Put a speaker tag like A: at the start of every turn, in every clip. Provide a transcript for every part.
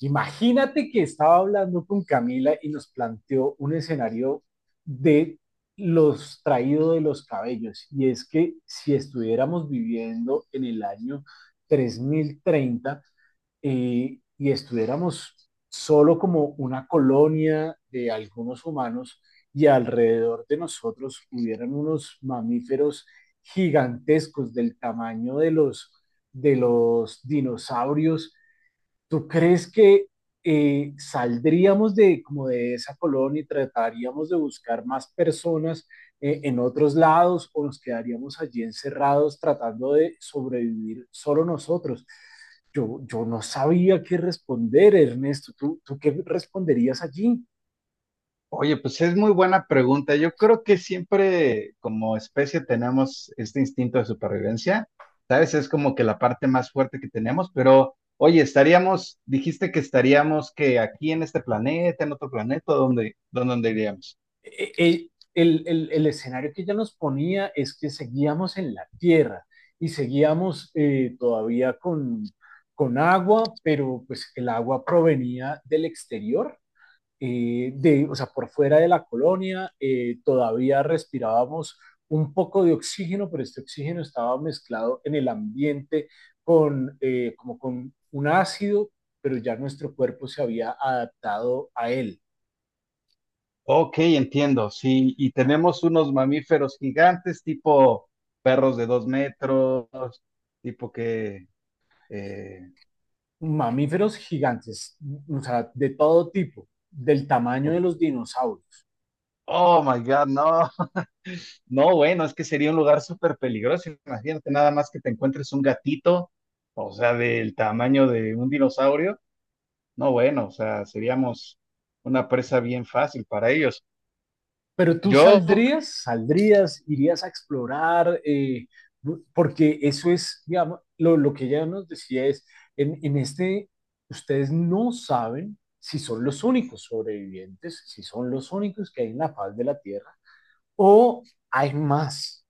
A: Imagínate que estaba hablando con Camila y nos planteó un escenario de los traídos de los cabellos. Y es que si estuviéramos viviendo en el año 3030, y estuviéramos solo como una colonia de algunos humanos y alrededor de nosotros hubieran unos mamíferos gigantescos del tamaño de los dinosaurios. ¿Tú crees que saldríamos de, como de esa colonia, y trataríamos de buscar más personas en otros lados, o nos quedaríamos allí encerrados tratando de sobrevivir solo nosotros? Yo no sabía qué responder, Ernesto. ¿Tú qué responderías allí?
B: Oye, pues es muy buena pregunta. Yo creo que siempre como especie tenemos este instinto de supervivencia, ¿sabes? Es como que la parte más fuerte que tenemos, pero oye, estaríamos, dijiste que estaríamos que aquí en este planeta, en otro planeta, ¿dónde iríamos?
A: El escenario que ella nos ponía es que seguíamos en la Tierra y seguíamos todavía con agua, pero pues el agua provenía del exterior. O sea, por fuera de la colonia. Todavía respirábamos un poco de oxígeno, pero este oxígeno estaba mezclado en el ambiente como con un ácido, pero ya nuestro cuerpo se había adaptado a él.
B: Ok, entiendo, sí, y tenemos unos mamíferos gigantes tipo perros de 2 metros, tipo que... eh,
A: Mamíferos gigantes, o sea, de todo tipo, del tamaño
B: oh
A: de los dinosaurios.
B: oh my God. No, no, bueno, es que sería un lugar súper peligroso. Imagínate nada más que te encuentres un gatito, o sea, del tamaño de un dinosaurio. No, bueno, o sea, seríamos una presa bien fácil para ellos.
A: Pero tú
B: Yo,
A: saldrías, irías a explorar, porque eso es, digamos, lo que ella nos decía es, en este, ustedes no saben si son los únicos sobrevivientes, si son los únicos que hay en la faz de la Tierra, o hay más.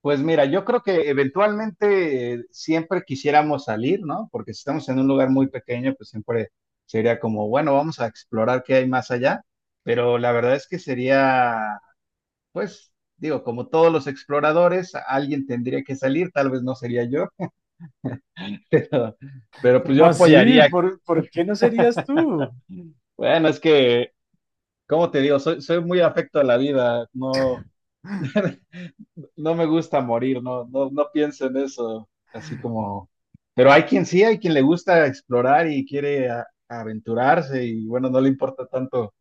B: pues mira, yo creo que eventualmente siempre quisiéramos salir, ¿no? Porque si estamos en un lugar muy pequeño, pues siempre sería como, bueno, vamos a explorar qué hay más allá. Pero la verdad es que sería, pues, digo, como todos los exploradores, alguien tendría que salir, tal vez no sería yo. Pero, pero pues
A: ¿Cómo
B: yo
A: así?
B: apoyaría.
A: ¿Por qué no serías tú?
B: Bueno, es que, como te digo? Soy muy afecto a la vida. No, no me gusta morir, no, no, no pienso en eso. Así como. Pero hay quien sí, hay quien le gusta explorar y quiere aventurarse y bueno, no le importa tanto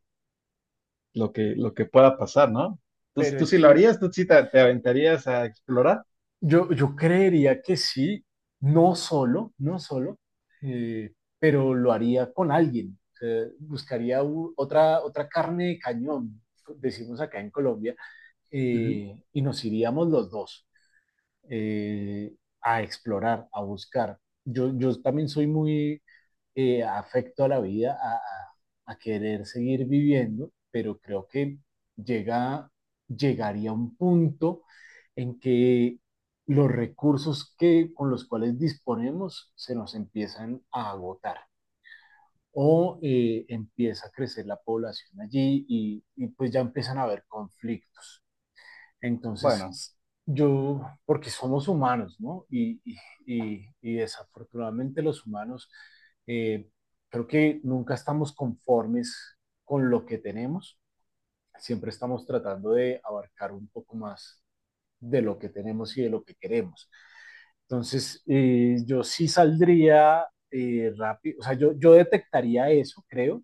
B: lo que pueda pasar, ¿no? Tú,
A: Pero
B: ¿tú
A: es
B: sí lo
A: que
B: harías? ¿Tú sí te aventarías a explorar?
A: yo creería que sí, no solo, eh, pero lo haría con alguien. O sea, buscaría otra carne de cañón, decimos acá en Colombia,
B: Ujú.
A: y nos iríamos los dos, eh, a explorar, a buscar. Yo también soy muy, afecto a la vida, querer seguir viviendo, pero creo que llega, llegaría un punto en que los recursos que, con los cuales disponemos, se nos empiezan a agotar, o empieza a crecer la población allí, y pues ya empiezan a haber conflictos.
B: Bueno.
A: Entonces, porque somos humanos, ¿no? Y- Desafortunadamente los humanos, eh, creo que nunca estamos conformes con lo que tenemos, siempre estamos tratando de abarcar un poco más de lo que tenemos y de lo que queremos. Entonces, yo sí saldría, rápido. O sea, yo detectaría eso, creo,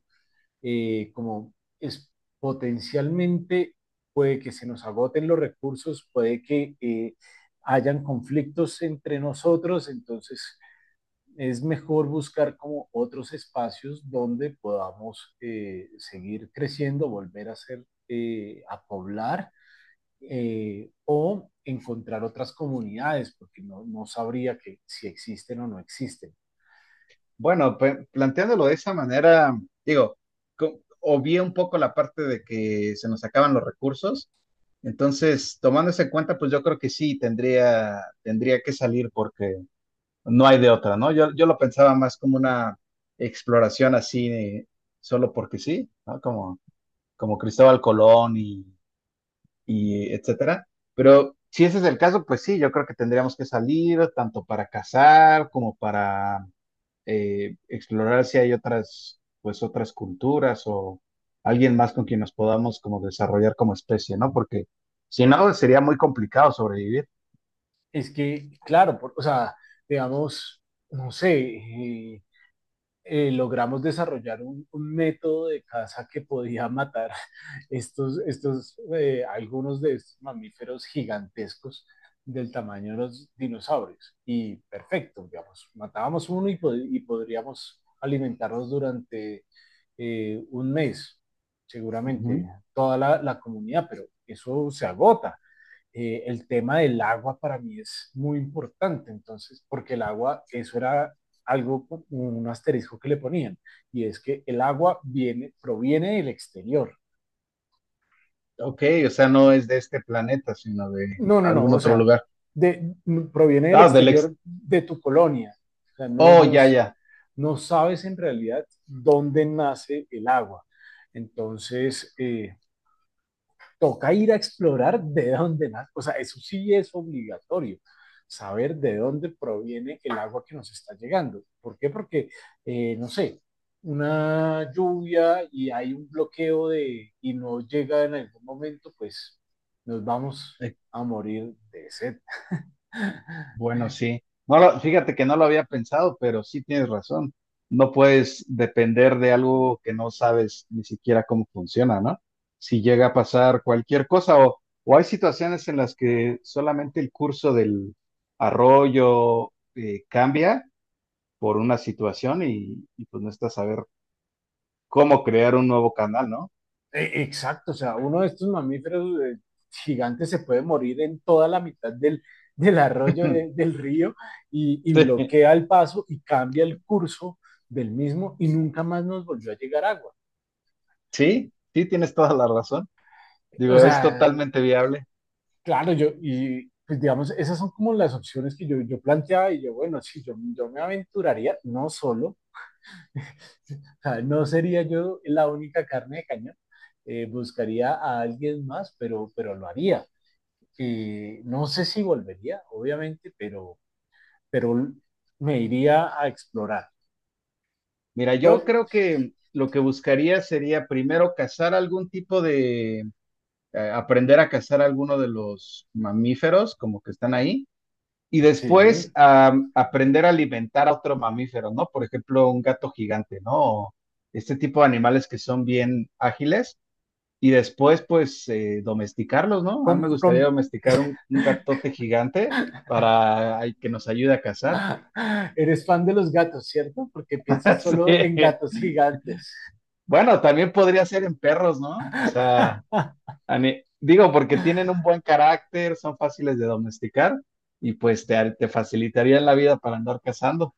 A: como es potencialmente, puede que se nos agoten los recursos, puede que hayan conflictos entre nosotros. Entonces es mejor buscar como otros espacios donde podamos seguir creciendo, a poblar, o encontrar otras comunidades, porque no sabría que si existen o no existen.
B: Bueno, planteándolo de esa manera, digo, obvié un poco la parte de que se nos acaban los recursos. Entonces, tomando eso en cuenta, pues yo creo que sí tendría que salir porque no hay de otra, ¿no? Yo lo pensaba más como una exploración así, solo porque sí, ¿no? Como Cristóbal Colón y etcétera. Pero si ese es el caso, pues sí, yo creo que tendríamos que salir tanto para cazar como para explorar si hay otras, pues otras culturas o alguien más con quien nos podamos como desarrollar como especie, ¿no? Porque si no, sería muy complicado sobrevivir.
A: Es que, claro, o sea, digamos, no sé, logramos desarrollar un método de caza que podía matar estos, estos algunos de estos mamíferos gigantescos del tamaño de los dinosaurios. Y perfecto, digamos, matábamos uno, y podríamos alimentarlos durante un mes, seguramente,
B: Ujú.
A: toda la comunidad, pero eso se agota. El tema del agua para mí es muy importante, entonces, porque el agua, eso era algo, un asterisco que le ponían, y es que el agua proviene del exterior.
B: Ok, o sea, no es de este planeta, sino de
A: No, no, no,
B: algún
A: o
B: otro
A: sea,
B: lugar.
A: de, proviene del
B: Ah, del ex.
A: exterior de tu colonia. O sea,
B: Oh, ya, ya.
A: no sabes en realidad dónde nace el agua. Entonces, toca ir a explorar de dónde nace. O sea, eso sí es obligatorio, saber de dónde proviene el agua que nos está llegando. ¿Por qué? Porque, no sé, una lluvia y hay un bloqueo y no llega en algún momento, pues nos vamos a morir de sed.
B: Bueno, sí. Fíjate que no lo había pensado, pero sí tienes razón. No puedes depender de algo que no sabes ni siquiera cómo funciona, ¿no? Si llega a pasar cualquier cosa o hay situaciones en las que solamente el curso del arroyo cambia por una situación y pues no estás a ver cómo crear un nuevo canal, ¿no?
A: Exacto. O sea, uno de estos mamíferos gigantes se puede morir en toda la mitad del arroyo, del río, y
B: Sí,
A: bloquea el paso y cambia el curso del mismo, y nunca más nos volvió a llegar agua.
B: sí, tienes toda la razón.
A: O
B: Digo, es
A: sea,
B: totalmente viable.
A: claro, y pues digamos, esas son como las opciones que yo planteaba, bueno, sí, yo me aventuraría, no solo. O sea, no sería yo la única carne de cañón. Buscaría a alguien más, pero lo haría. Que no sé si volvería, obviamente, pero me iría a explorar.
B: Mira,
A: Pues,
B: yo creo que lo que buscaría sería primero cazar algún tipo de, aprender a cazar alguno de los mamíferos como que están ahí y después
A: sí,
B: aprender a alimentar a otro mamífero, ¿no? Por ejemplo, un gato gigante, ¿no? O este tipo de animales que son bien ágiles y después pues domesticarlos, ¿no? A mí
A: con,
B: me gustaría
A: con...
B: domesticar un gatote gigante para ay, que nos ayude a cazar.
A: Ah, eres fan de los gatos, ¿cierto? Porque piensas solo en
B: Sí.
A: gatos gigantes.
B: Bueno, también podría ser en perros, ¿no? O sea... A digo, porque tienen un buen carácter, son fáciles de domesticar y pues te facilitarían la vida para andar cazando.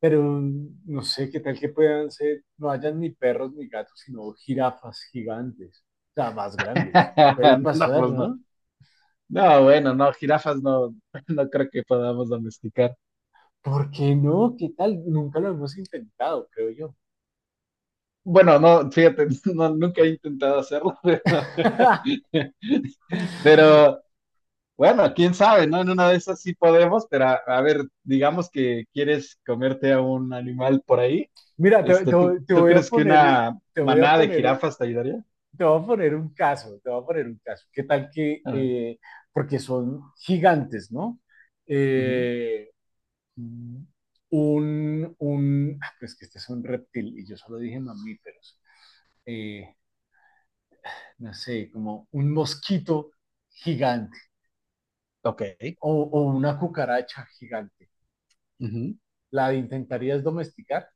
A: Pero no sé qué tal que puedan ser, no hayan ni perros ni gatos, sino jirafas gigantes, o sea, más grandes. Puede
B: No,
A: pasar,
B: pues no.
A: ¿no?
B: No, bueno, no, jirafas no, no creo que podamos domesticar.
A: ¿Por qué no? ¿Qué tal? Nunca lo hemos intentado, creo yo.
B: Bueno, no, fíjate, no, nunca he intentado hacerlo, pero, bueno, quién sabe, ¿no? En una de esas sí podemos, pero a ver, digamos que quieres comerte a un animal por ahí,
A: Mira,
B: este, ¿tú, tú crees que una
A: te voy a
B: manada de
A: poner,
B: jirafas te ayudaría?
A: te voy a poner un caso. ¿Qué tal que,
B: Ah,
A: porque son gigantes, ¿no?
B: ujú,
A: Eh, pues que este es un reptil, y yo solo dije mamíferos. Eh, no sé, como un mosquito gigante,
B: ok.
A: o, o una cucaracha gigante.
B: Ujú.
A: ¿La intentarías domesticar?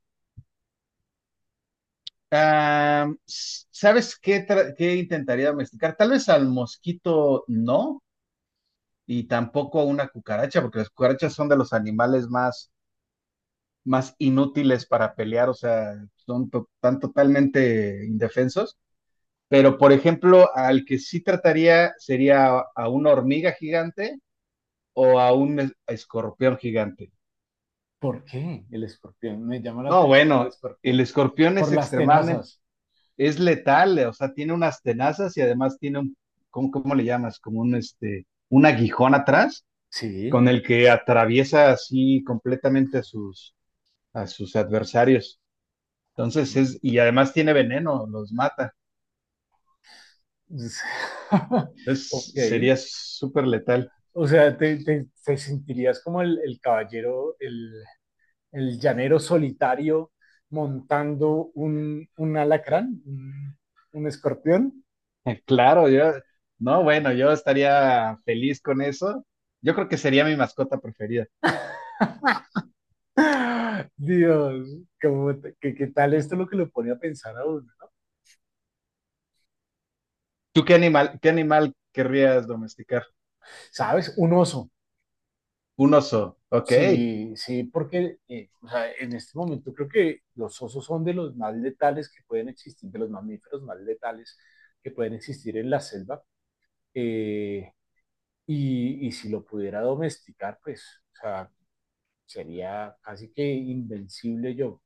B: Ah, sabes qué, qué intentaría domesticar? Tal vez al mosquito no, y tampoco a una cucaracha, porque las cucarachas son de los animales más, más inútiles para pelear, o sea, son tan totalmente indefensos. Pero, por ejemplo, al que sí trataría sería a una hormiga gigante o a un escorpión gigante.
A: ¿Por qué el escorpión? Me llama la
B: No,
A: atención el
B: bueno, el
A: escorpión.
B: escorpión
A: Por
B: es
A: las
B: extremadamente
A: tenazas.
B: es letal, o sea, tiene unas tenazas y además tiene un, cómo le llamas? Como un, este, un aguijón atrás
A: Sí.
B: con el que atraviesa así completamente a sus adversarios. Entonces es, y además tiene veneno, los mata. Entonces
A: Ok,
B: sería súper letal.
A: o sea, te sentirías como el caballero, el llanero solitario, montando un alacrán, un escorpión.
B: Claro, yo, no, bueno, yo estaría feliz con eso. Yo creo que sería mi mascota preferida.
A: Dios, ¿qué tal esto lo que lo pone a pensar a uno?
B: ¿Tú qué animal querrías domesticar?
A: ¿Sabes? Un oso.
B: Un oso, ok.
A: Sí, sí, porque o sea, en este momento creo que los osos son de los más letales que pueden existir, de los mamíferos más letales que pueden existir en la selva, eh, y si lo pudiera domesticar, pues, o sea, sería casi que invencible yo.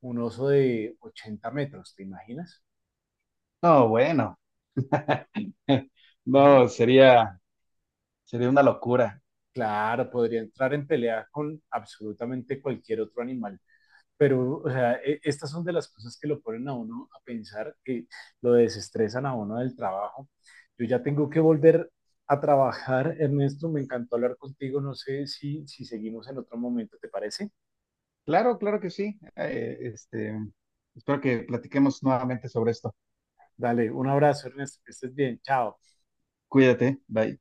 A: Un oso de 80 metros, ¿te imaginas?
B: No, bueno, no,
A: Uh,
B: sería, sería una locura.
A: Claro, podría entrar en pelea con absolutamente cualquier otro animal. Pero, o sea, estas son de las cosas que lo ponen a uno a pensar, que lo desestresan a uno del trabajo. Yo ya tengo que volver a trabajar, Ernesto. Me encantó hablar contigo. No sé si seguimos en otro momento, ¿te parece?
B: Claro, claro que sí. Este, espero que platiquemos nuevamente sobre esto.
A: Dale, un abrazo, Ernesto, que estés bien, chao.
B: Cuídate, bye.